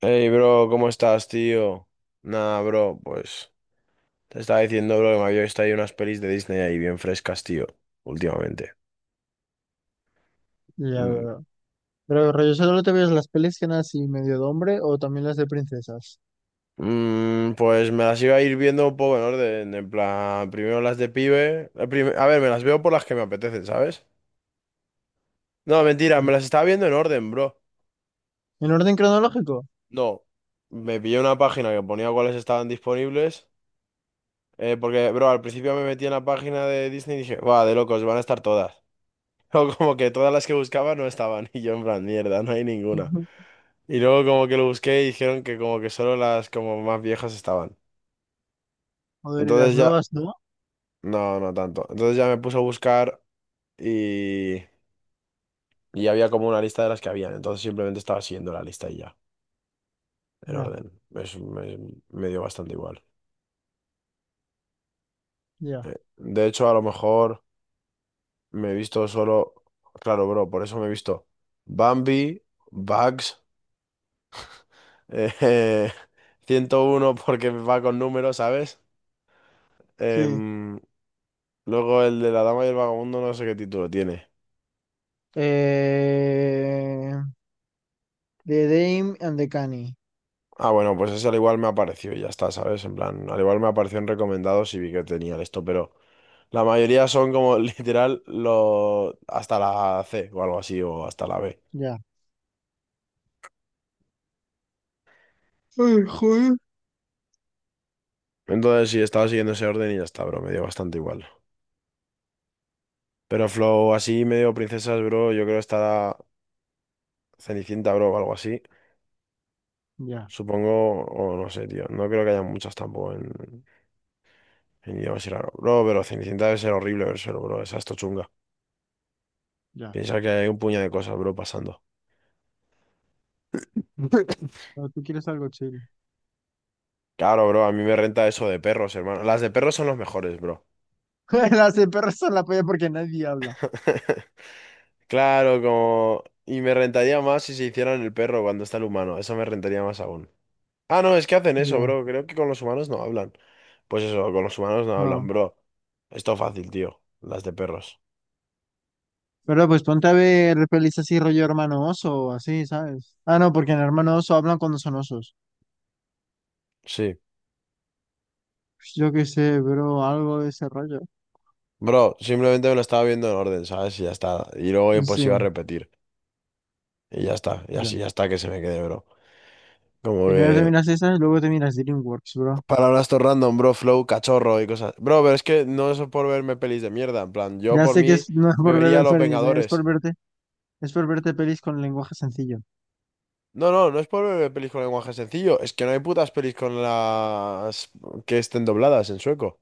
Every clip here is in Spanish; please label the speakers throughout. Speaker 1: Hey, bro, ¿cómo estás, tío? Nada, bro, pues te estaba diciendo, bro, que me había visto ahí unas pelis de Disney ahí bien frescas, tío, últimamente.
Speaker 2: Ya
Speaker 1: Mm,
Speaker 2: veo. Pero rollo, ¿solo te ves las pelis que eran así medio de hombre o también las de princesas?
Speaker 1: pues me las iba a ir viendo un poco en orden, en plan, primero las de pibe. A ver, me las veo por las que me apetecen, ¿sabes? No, mentira,
Speaker 2: Sí.
Speaker 1: me las estaba viendo en orden, bro.
Speaker 2: ¿En orden cronológico?
Speaker 1: No, me pillé una página que ponía cuáles estaban disponibles, porque, bro, al principio me metí en la página de Disney y dije, va, de locos, van a estar todas. O como que todas las que buscaba no estaban y yo en plan, mierda, no hay ninguna.
Speaker 2: Ujú.
Speaker 1: Y luego como que lo busqué y dijeron que como que solo las como más viejas estaban.
Speaker 2: Joder, y las
Speaker 1: Entonces ya,
Speaker 2: nuevas, ¿no?
Speaker 1: no, no tanto. Entonces ya me puse a buscar y, y había como una lista de las que habían. Entonces simplemente estaba siguiendo la lista y ya, en
Speaker 2: Ya,
Speaker 1: orden. Me dio bastante igual.
Speaker 2: ya.
Speaker 1: De hecho, a lo mejor me he visto solo, claro, bro, por eso me he visto Bambi, Bugs, eh, 101 porque va con números, ¿sabes?
Speaker 2: Sí.
Speaker 1: Em, Luego el de la dama y el vagabundo, no sé qué título tiene.
Speaker 2: Eh... The Dame and the Canny.
Speaker 1: Ah, bueno, pues ese al igual me apareció y ya está, ¿sabes? En plan, al igual me apareció en recomendados y vi que tenía esto, pero la mayoría son como literal lo hasta la C o algo así, o hasta la B.
Speaker 2: Ya. Ay, joder.
Speaker 1: Entonces sí, estaba siguiendo ese orden y ya está, bro, me dio bastante igual. Pero Flow así medio princesas, bro, yo creo que estará Cenicienta, bro, o algo así.
Speaker 2: Ya,
Speaker 1: Supongo, o no sé, tío. No creo que haya muchas tampoco en idiomas y raro. Bro, pero Cenicienta debe ser horrible ver solo, bro, esa esto chunga.
Speaker 2: ya.
Speaker 1: Piensa que hay un puño de cosas, bro, pasando.
Speaker 2: Pero tú quieres algo chill.
Speaker 1: Claro, bro, a mí me renta eso de perros, hermano. Las de perros son los mejores, bro.
Speaker 2: Las de perros son la polla porque nadie habla.
Speaker 1: Claro, como. Y me rentaría más si se hicieran el perro cuando está el humano. Eso me rentaría más aún. Ah, no, es que hacen eso,
Speaker 2: Ya,
Speaker 1: bro. Creo que con los humanos no hablan. Pues eso, con los humanos no hablan,
Speaker 2: no.
Speaker 1: bro. Esto fácil, tío. Las de perros.
Speaker 2: Pero pues ponte a ver pelis así rollo hermano oso o así, ¿sabes? Ah, no, porque en hermano oso hablan cuando son osos.
Speaker 1: Sí.
Speaker 2: Pues yo qué sé, bro, algo de ese rollo.
Speaker 1: Bro, simplemente me lo estaba viendo en orden, ¿sabes? Y ya está. Y luego
Speaker 2: Sí,
Speaker 1: pues iba a repetir. Y ya está. Y
Speaker 2: ya.
Speaker 1: así ya está que se me quede, bro. Como
Speaker 2: Primero
Speaker 1: que.
Speaker 2: terminas miras esa y luego terminas DreamWorks, bro.
Speaker 1: Palabras todo random, bro, flow, cachorro y cosas. Bro, pero es que no es por verme pelis de mierda. En plan, yo
Speaker 2: Ya
Speaker 1: por
Speaker 2: sé que es,
Speaker 1: mí
Speaker 2: no es
Speaker 1: me
Speaker 2: por ver
Speaker 1: vería
Speaker 2: el
Speaker 1: Los
Speaker 2: Fernis,
Speaker 1: Vengadores.
Speaker 2: es por verte pelis con lenguaje sencillo.
Speaker 1: No, no, no es por verme pelis con lenguaje sencillo. Es que no hay putas pelis con las que estén dobladas en sueco.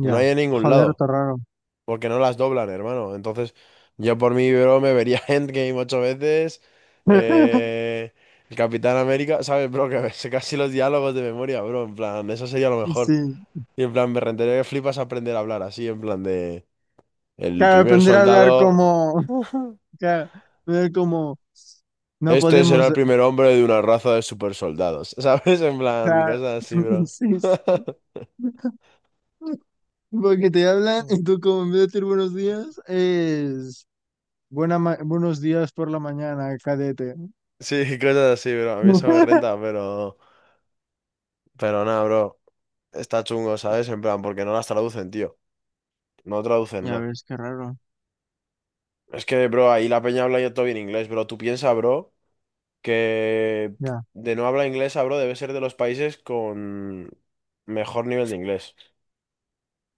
Speaker 1: No hay en ningún
Speaker 2: Joder,
Speaker 1: lado.
Speaker 2: todo raro.
Speaker 1: Porque no las doblan, hermano. Entonces, yo por mí, bro, me vería Endgame ocho veces. Eh. El Capitán América, ¿sabes, bro? Que me sé casi los diálogos de memoria, bro. En plan, eso sería lo mejor.
Speaker 2: Sí.
Speaker 1: Y en plan, me rentaría que flipas aprender a hablar así, en plan de. El
Speaker 2: Claro,
Speaker 1: primer
Speaker 2: aprender a hablar
Speaker 1: soldado.
Speaker 2: como, claro, ver como no
Speaker 1: Este será
Speaker 2: podemos.
Speaker 1: el primer hombre de una raza de supersoldados. ¿Sabes? En plan,
Speaker 2: Claro.
Speaker 1: cosas así, bro.
Speaker 2: Sí, sí. Porque te hablan y tú como en vez de decir buenos días es buenos días por la mañana, cadete.
Speaker 1: Sí, cosas así, bro. A mí eso me renta, pero. Pero nada, bro. Está chungo, ¿sabes? En plan, porque no las traducen, tío. No traducen
Speaker 2: Ya
Speaker 1: nada.
Speaker 2: ves, qué raro.
Speaker 1: Es que, bro, ahí la peña habla ya todo bien inglés, bro. Tú piensas, bro, que
Speaker 2: Ya.
Speaker 1: de no habla inglesa, bro, debe ser de los países con mejor nivel de inglés.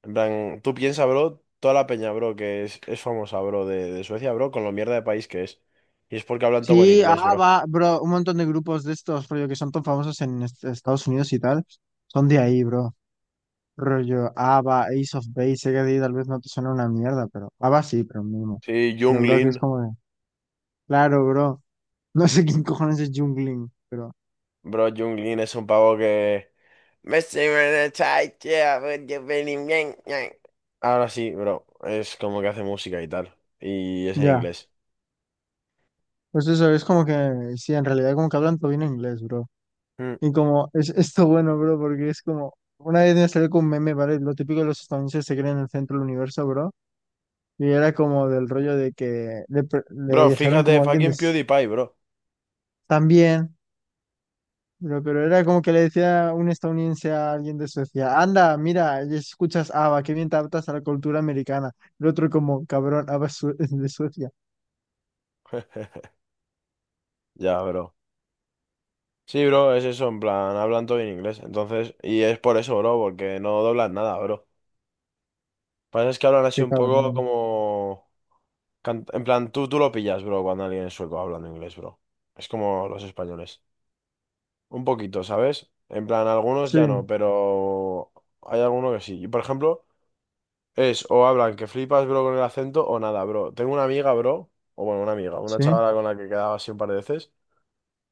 Speaker 1: En plan, tú piensas, bro, toda la peña, bro, que es famosa, bro, de Suecia, bro, con lo mierda de país que es. Y es porque hablan todo buen
Speaker 2: Sí,
Speaker 1: inglés,
Speaker 2: ah,
Speaker 1: bro.
Speaker 2: va, bro, un montón de grupos de estos, rollo, que son tan famosos en Estados Unidos y tal, son de ahí, bro. Rollo, ABBA, Ace of Base, sé que a ti tal vez no te suena una mierda, pero ABBA sí, pero mínimo.
Speaker 1: Sí,
Speaker 2: Pero,
Speaker 1: Jung
Speaker 2: bro, que es
Speaker 1: Lin.
Speaker 2: como de, claro, bro, no sé quién cojones es Jungling, pero
Speaker 1: Bro, Jung Lin es un pavo que. Ahora sí, bro, es como que hace música y tal. Y es en
Speaker 2: ya.
Speaker 1: inglés.
Speaker 2: Pues eso, es como que, sí, en realidad como que hablan todo bien inglés, bro.
Speaker 1: Mm.
Speaker 2: Y como, es esto bueno, bro, porque es como, una vez me salió con un meme, ¿vale? Lo típico de los estadounidenses se creen en el centro del universo, bro. Y era como del rollo de que le, le
Speaker 1: Bro,
Speaker 2: dijeron
Speaker 1: fíjate,
Speaker 2: como a alguien
Speaker 1: fucking PewDiePie, bro.
Speaker 2: también, pero era como que le decía un estadounidense a alguien de Suecia, anda, mira, y escuchas ABBA, qué bien te adaptas a la cultura americana. El otro como, cabrón, ABBA es es de Suecia.
Speaker 1: Ya, bro. Sí, bro, es eso, en plan, hablan todo en inglés. Entonces, y es por eso, bro, porque no doblan nada, bro. Pasa es que hablan así
Speaker 2: Qué
Speaker 1: un
Speaker 2: cabrón,
Speaker 1: poco
Speaker 2: ¿no?
Speaker 1: como. En plan, tú lo pillas, bro, cuando alguien es sueco hablando inglés, bro. Es como los españoles. Un poquito, ¿sabes? En plan, algunos
Speaker 2: Sí,
Speaker 1: ya no, pero hay alguno que sí. Y por ejemplo, es o hablan que flipas, bro, con el acento o nada, bro. Tengo una amiga, bro, o bueno, una amiga, una
Speaker 2: sí,
Speaker 1: chavala con la que quedaba así un par de veces.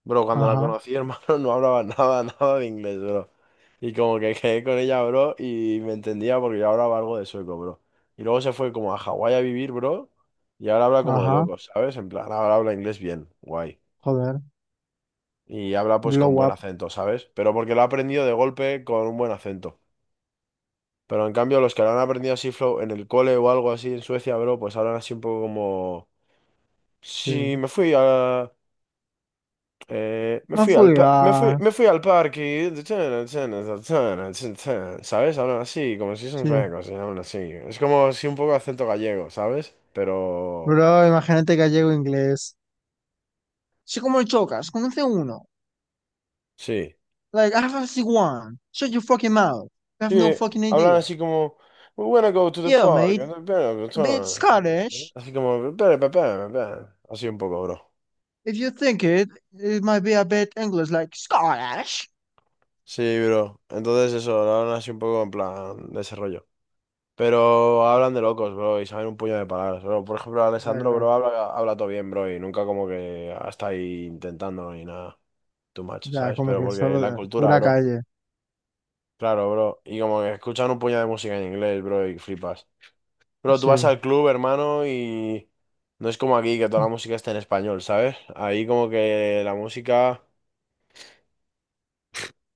Speaker 1: Bro, cuando la
Speaker 2: ajá,
Speaker 1: conocí, hermano, no hablaba nada, nada de inglés, bro. Y como que quedé con ella, bro, y me entendía porque yo hablaba algo de sueco, bro. Y luego se fue como a Hawái a vivir, bro, y ahora habla como de
Speaker 2: ajá,
Speaker 1: locos, ¿sabes? En plan, ahora habla inglés bien, guay.
Speaker 2: joder,
Speaker 1: Y habla pues con
Speaker 2: blow
Speaker 1: buen
Speaker 2: up,
Speaker 1: acento, ¿sabes? Pero porque lo ha aprendido de golpe con un buen acento. Pero en cambio, los que lo han aprendido así flow en el cole o algo así en Suecia, bro, pues hablan así un poco como. Sí,
Speaker 2: sí.
Speaker 1: me fui a. Me
Speaker 2: No
Speaker 1: fui al pa- me fui,
Speaker 2: fugar,
Speaker 1: me fui al parque, ¿sabes? Hablan así, como si son
Speaker 2: sí.
Speaker 1: suecos, y hablan así. Es como si un poco acento gallego, ¿sabes? Pero
Speaker 2: Bro, imagínate gallego inglés. Sí, como el chocas, conoce uno.
Speaker 1: sí,
Speaker 2: Like, I have a C1. Shut your fucking mouth. You have no
Speaker 1: sí,
Speaker 2: fucking
Speaker 1: hablan
Speaker 2: idea.
Speaker 1: así como We wanna go to the
Speaker 2: Yeah,
Speaker 1: park.
Speaker 2: mate. A bit Scottish.
Speaker 1: Así como así un poco, bro.
Speaker 2: If you think it, it might be a bit English, like Scottish.
Speaker 1: Sí, bro. Entonces eso, hablan así un poco en plan desarrollo. Pero hablan de locos, bro, y saben un puño de palabras, bro. Por ejemplo,
Speaker 2: Ya,
Speaker 1: Alessandro,
Speaker 2: claro.
Speaker 1: bro, habla, habla todo bien, bro, y nunca como que está ahí intentando ni nada. Too much,
Speaker 2: Ya,
Speaker 1: ¿sabes?
Speaker 2: como
Speaker 1: Pero
Speaker 2: que
Speaker 1: porque
Speaker 2: solo
Speaker 1: la
Speaker 2: de
Speaker 1: cultura,
Speaker 2: pura
Speaker 1: bro.
Speaker 2: calle.
Speaker 1: Claro, bro. Y como que escuchan un puño de música en inglés, bro, y flipas. Bro, tú vas
Speaker 2: Sí.
Speaker 1: al club, hermano, y no es como aquí que toda la música está en español, ¿sabes? Ahí como que la música.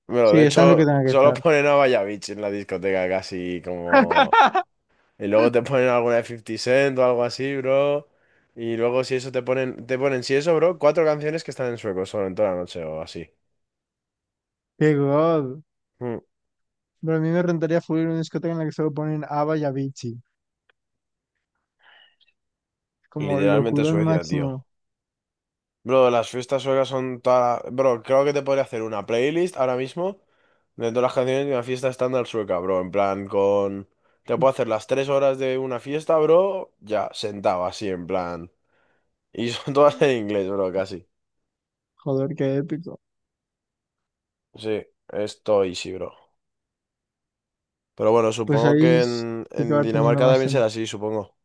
Speaker 1: Bueno,
Speaker 2: Sí,
Speaker 1: de
Speaker 2: están lo que
Speaker 1: hecho,
Speaker 2: tenga que
Speaker 1: solo
Speaker 2: estar.
Speaker 1: ponen a Vallabich en la discoteca casi como Y luego te ponen alguna de 50 Cent o algo así, bro. Y luego si eso te ponen, si eso, bro, cuatro canciones que están en sueco solo en toda la noche o así.
Speaker 2: Qué god.
Speaker 1: Mm.
Speaker 2: Pero a mí me rentaría full ir a una discoteca en la que solo ponen ABBA y Avicii. Como
Speaker 1: Literalmente
Speaker 2: locurón
Speaker 1: Suecia, tío.
Speaker 2: máximo.
Speaker 1: Bro, las fiestas suecas son toda Bro, creo que te podría hacer una playlist ahora mismo de todas las canciones de una fiesta estándar sueca, bro. En plan, con. Te puedo hacer las tres horas de una fiesta, bro, ya, sentado así, en plan. Y son todas en inglés, bro, casi.
Speaker 2: Joder, qué épico.
Speaker 1: Sí, esto easy, bro. Pero bueno,
Speaker 2: Pues
Speaker 1: supongo que
Speaker 2: sí que
Speaker 1: en
Speaker 2: va teniendo
Speaker 1: Dinamarca
Speaker 2: más
Speaker 1: también será
Speaker 2: sen-
Speaker 1: así, supongo.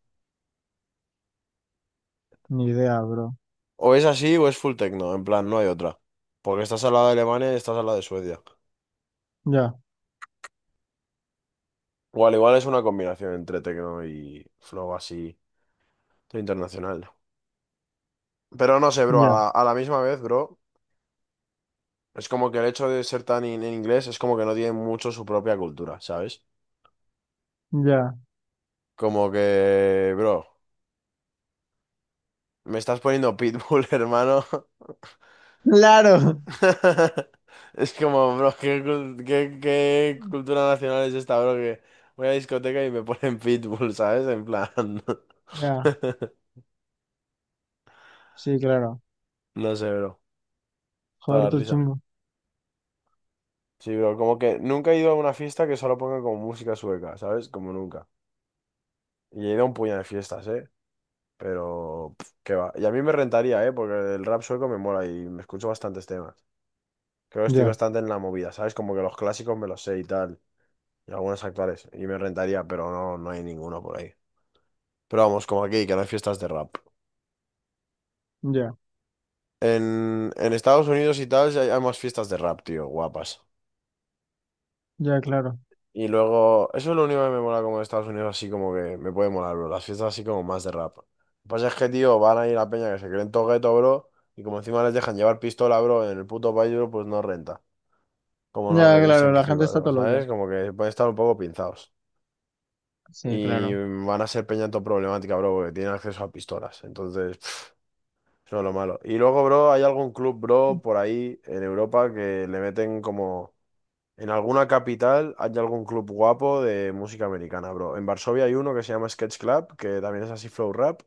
Speaker 2: Ni idea, bro.
Speaker 1: O es así o es full techno, en plan, no hay otra. Porque estás al lado de Alemania y estás al lado de Suecia.
Speaker 2: Ya,
Speaker 1: Igual, igual es una combinación entre techno y flow así internacional. Pero no sé, bro,
Speaker 2: ya,
Speaker 1: a la misma vez, bro, es como que el hecho de ser tan en inglés es como que no tiene mucho su propia cultura, ¿sabes?
Speaker 2: ya.
Speaker 1: Como que, bro, me estás poniendo Pitbull, hermano.
Speaker 2: ¡Claro!
Speaker 1: Es como, bro, ¿qué cultura nacional es esta, bro? Que voy a la discoteca y me ponen Pitbull, ¿sabes? En plan.
Speaker 2: Ya, sí, claro.
Speaker 1: No sé, bro. Para
Speaker 2: Joder,
Speaker 1: la
Speaker 2: todo
Speaker 1: risa.
Speaker 2: chungo.
Speaker 1: Sí, bro, como que nunca he ido a una fiesta que solo ponga como música sueca, ¿sabes? Como nunca. Y he ido a un puñado de fiestas, ¿eh? Pero, pf, qué va. Y a mí me rentaría, ¿eh? Porque el rap sueco me mola y me escucho bastantes temas. Creo que estoy
Speaker 2: Ya,
Speaker 1: bastante en la movida, ¿sabes? Como que los clásicos me los sé y tal. Y algunos actuales. Y me rentaría, pero no, no hay ninguno por ahí. Pero vamos, como aquí, que no hay fiestas de rap.
Speaker 2: ya,
Speaker 1: En Estados Unidos y tal, sí hay más fiestas de rap, tío, guapas.
Speaker 2: ya, claro.
Speaker 1: Y luego, eso es lo único que me mola como de Estados Unidos, así como que me puede molar, bro. Las fiestas así como más de rap. Lo que pasa es que, tío, van a ir la peña que se creen todo gueto, bro. Y como encima les dejan llevar pistola, bro, en el puto país, bro, pues no renta. Como no
Speaker 2: Ya,
Speaker 1: revisan
Speaker 2: claro,
Speaker 1: que
Speaker 2: la gente
Speaker 1: flipas,
Speaker 2: está
Speaker 1: bro,
Speaker 2: todo loca.
Speaker 1: ¿sabes? Como que pueden estar un poco pinzados.
Speaker 2: Sí,
Speaker 1: Y
Speaker 2: claro.
Speaker 1: van a ser peña todo problemática, bro, porque tienen acceso a pistolas. Entonces, pff, eso es lo malo. Y luego, bro, hay algún club, bro, por ahí en Europa que le meten como. En alguna capital hay algún club guapo de música americana, bro. En Varsovia hay uno que se llama Sketch Club, que también es así flow rap.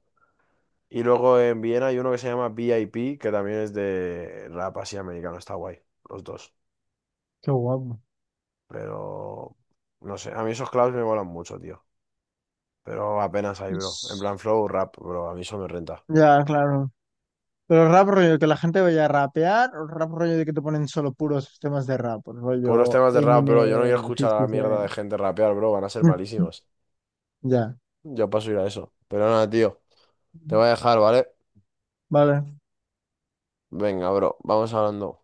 Speaker 1: Y luego en Viena hay uno que se llama VIP, que también es de rap así americano. Está guay, los dos.
Speaker 2: Qué guapo.
Speaker 1: Pero. No sé, a mí esos clubs me molan mucho, tío. Pero apenas hay, bro. En
Speaker 2: Ish.
Speaker 1: plan flow rap, bro. A mí eso me renta.
Speaker 2: Ya, claro. Pero rap rollo, que la gente vaya a rapear, o rap rollo de que te ponen solo puros temas de rap,
Speaker 1: Puros
Speaker 2: rollo
Speaker 1: temas de rap, bro. Yo no quiero
Speaker 2: Eminem,
Speaker 1: escuchar a la
Speaker 2: 50
Speaker 1: mierda de
Speaker 2: Cent.
Speaker 1: gente rapear, bro. Van a ser malísimos.
Speaker 2: Ya,
Speaker 1: Yo paso a ir a eso. Pero nada, tío. Te voy a dejar, ¿vale?
Speaker 2: vale.
Speaker 1: Venga, bro. Vamos hablando.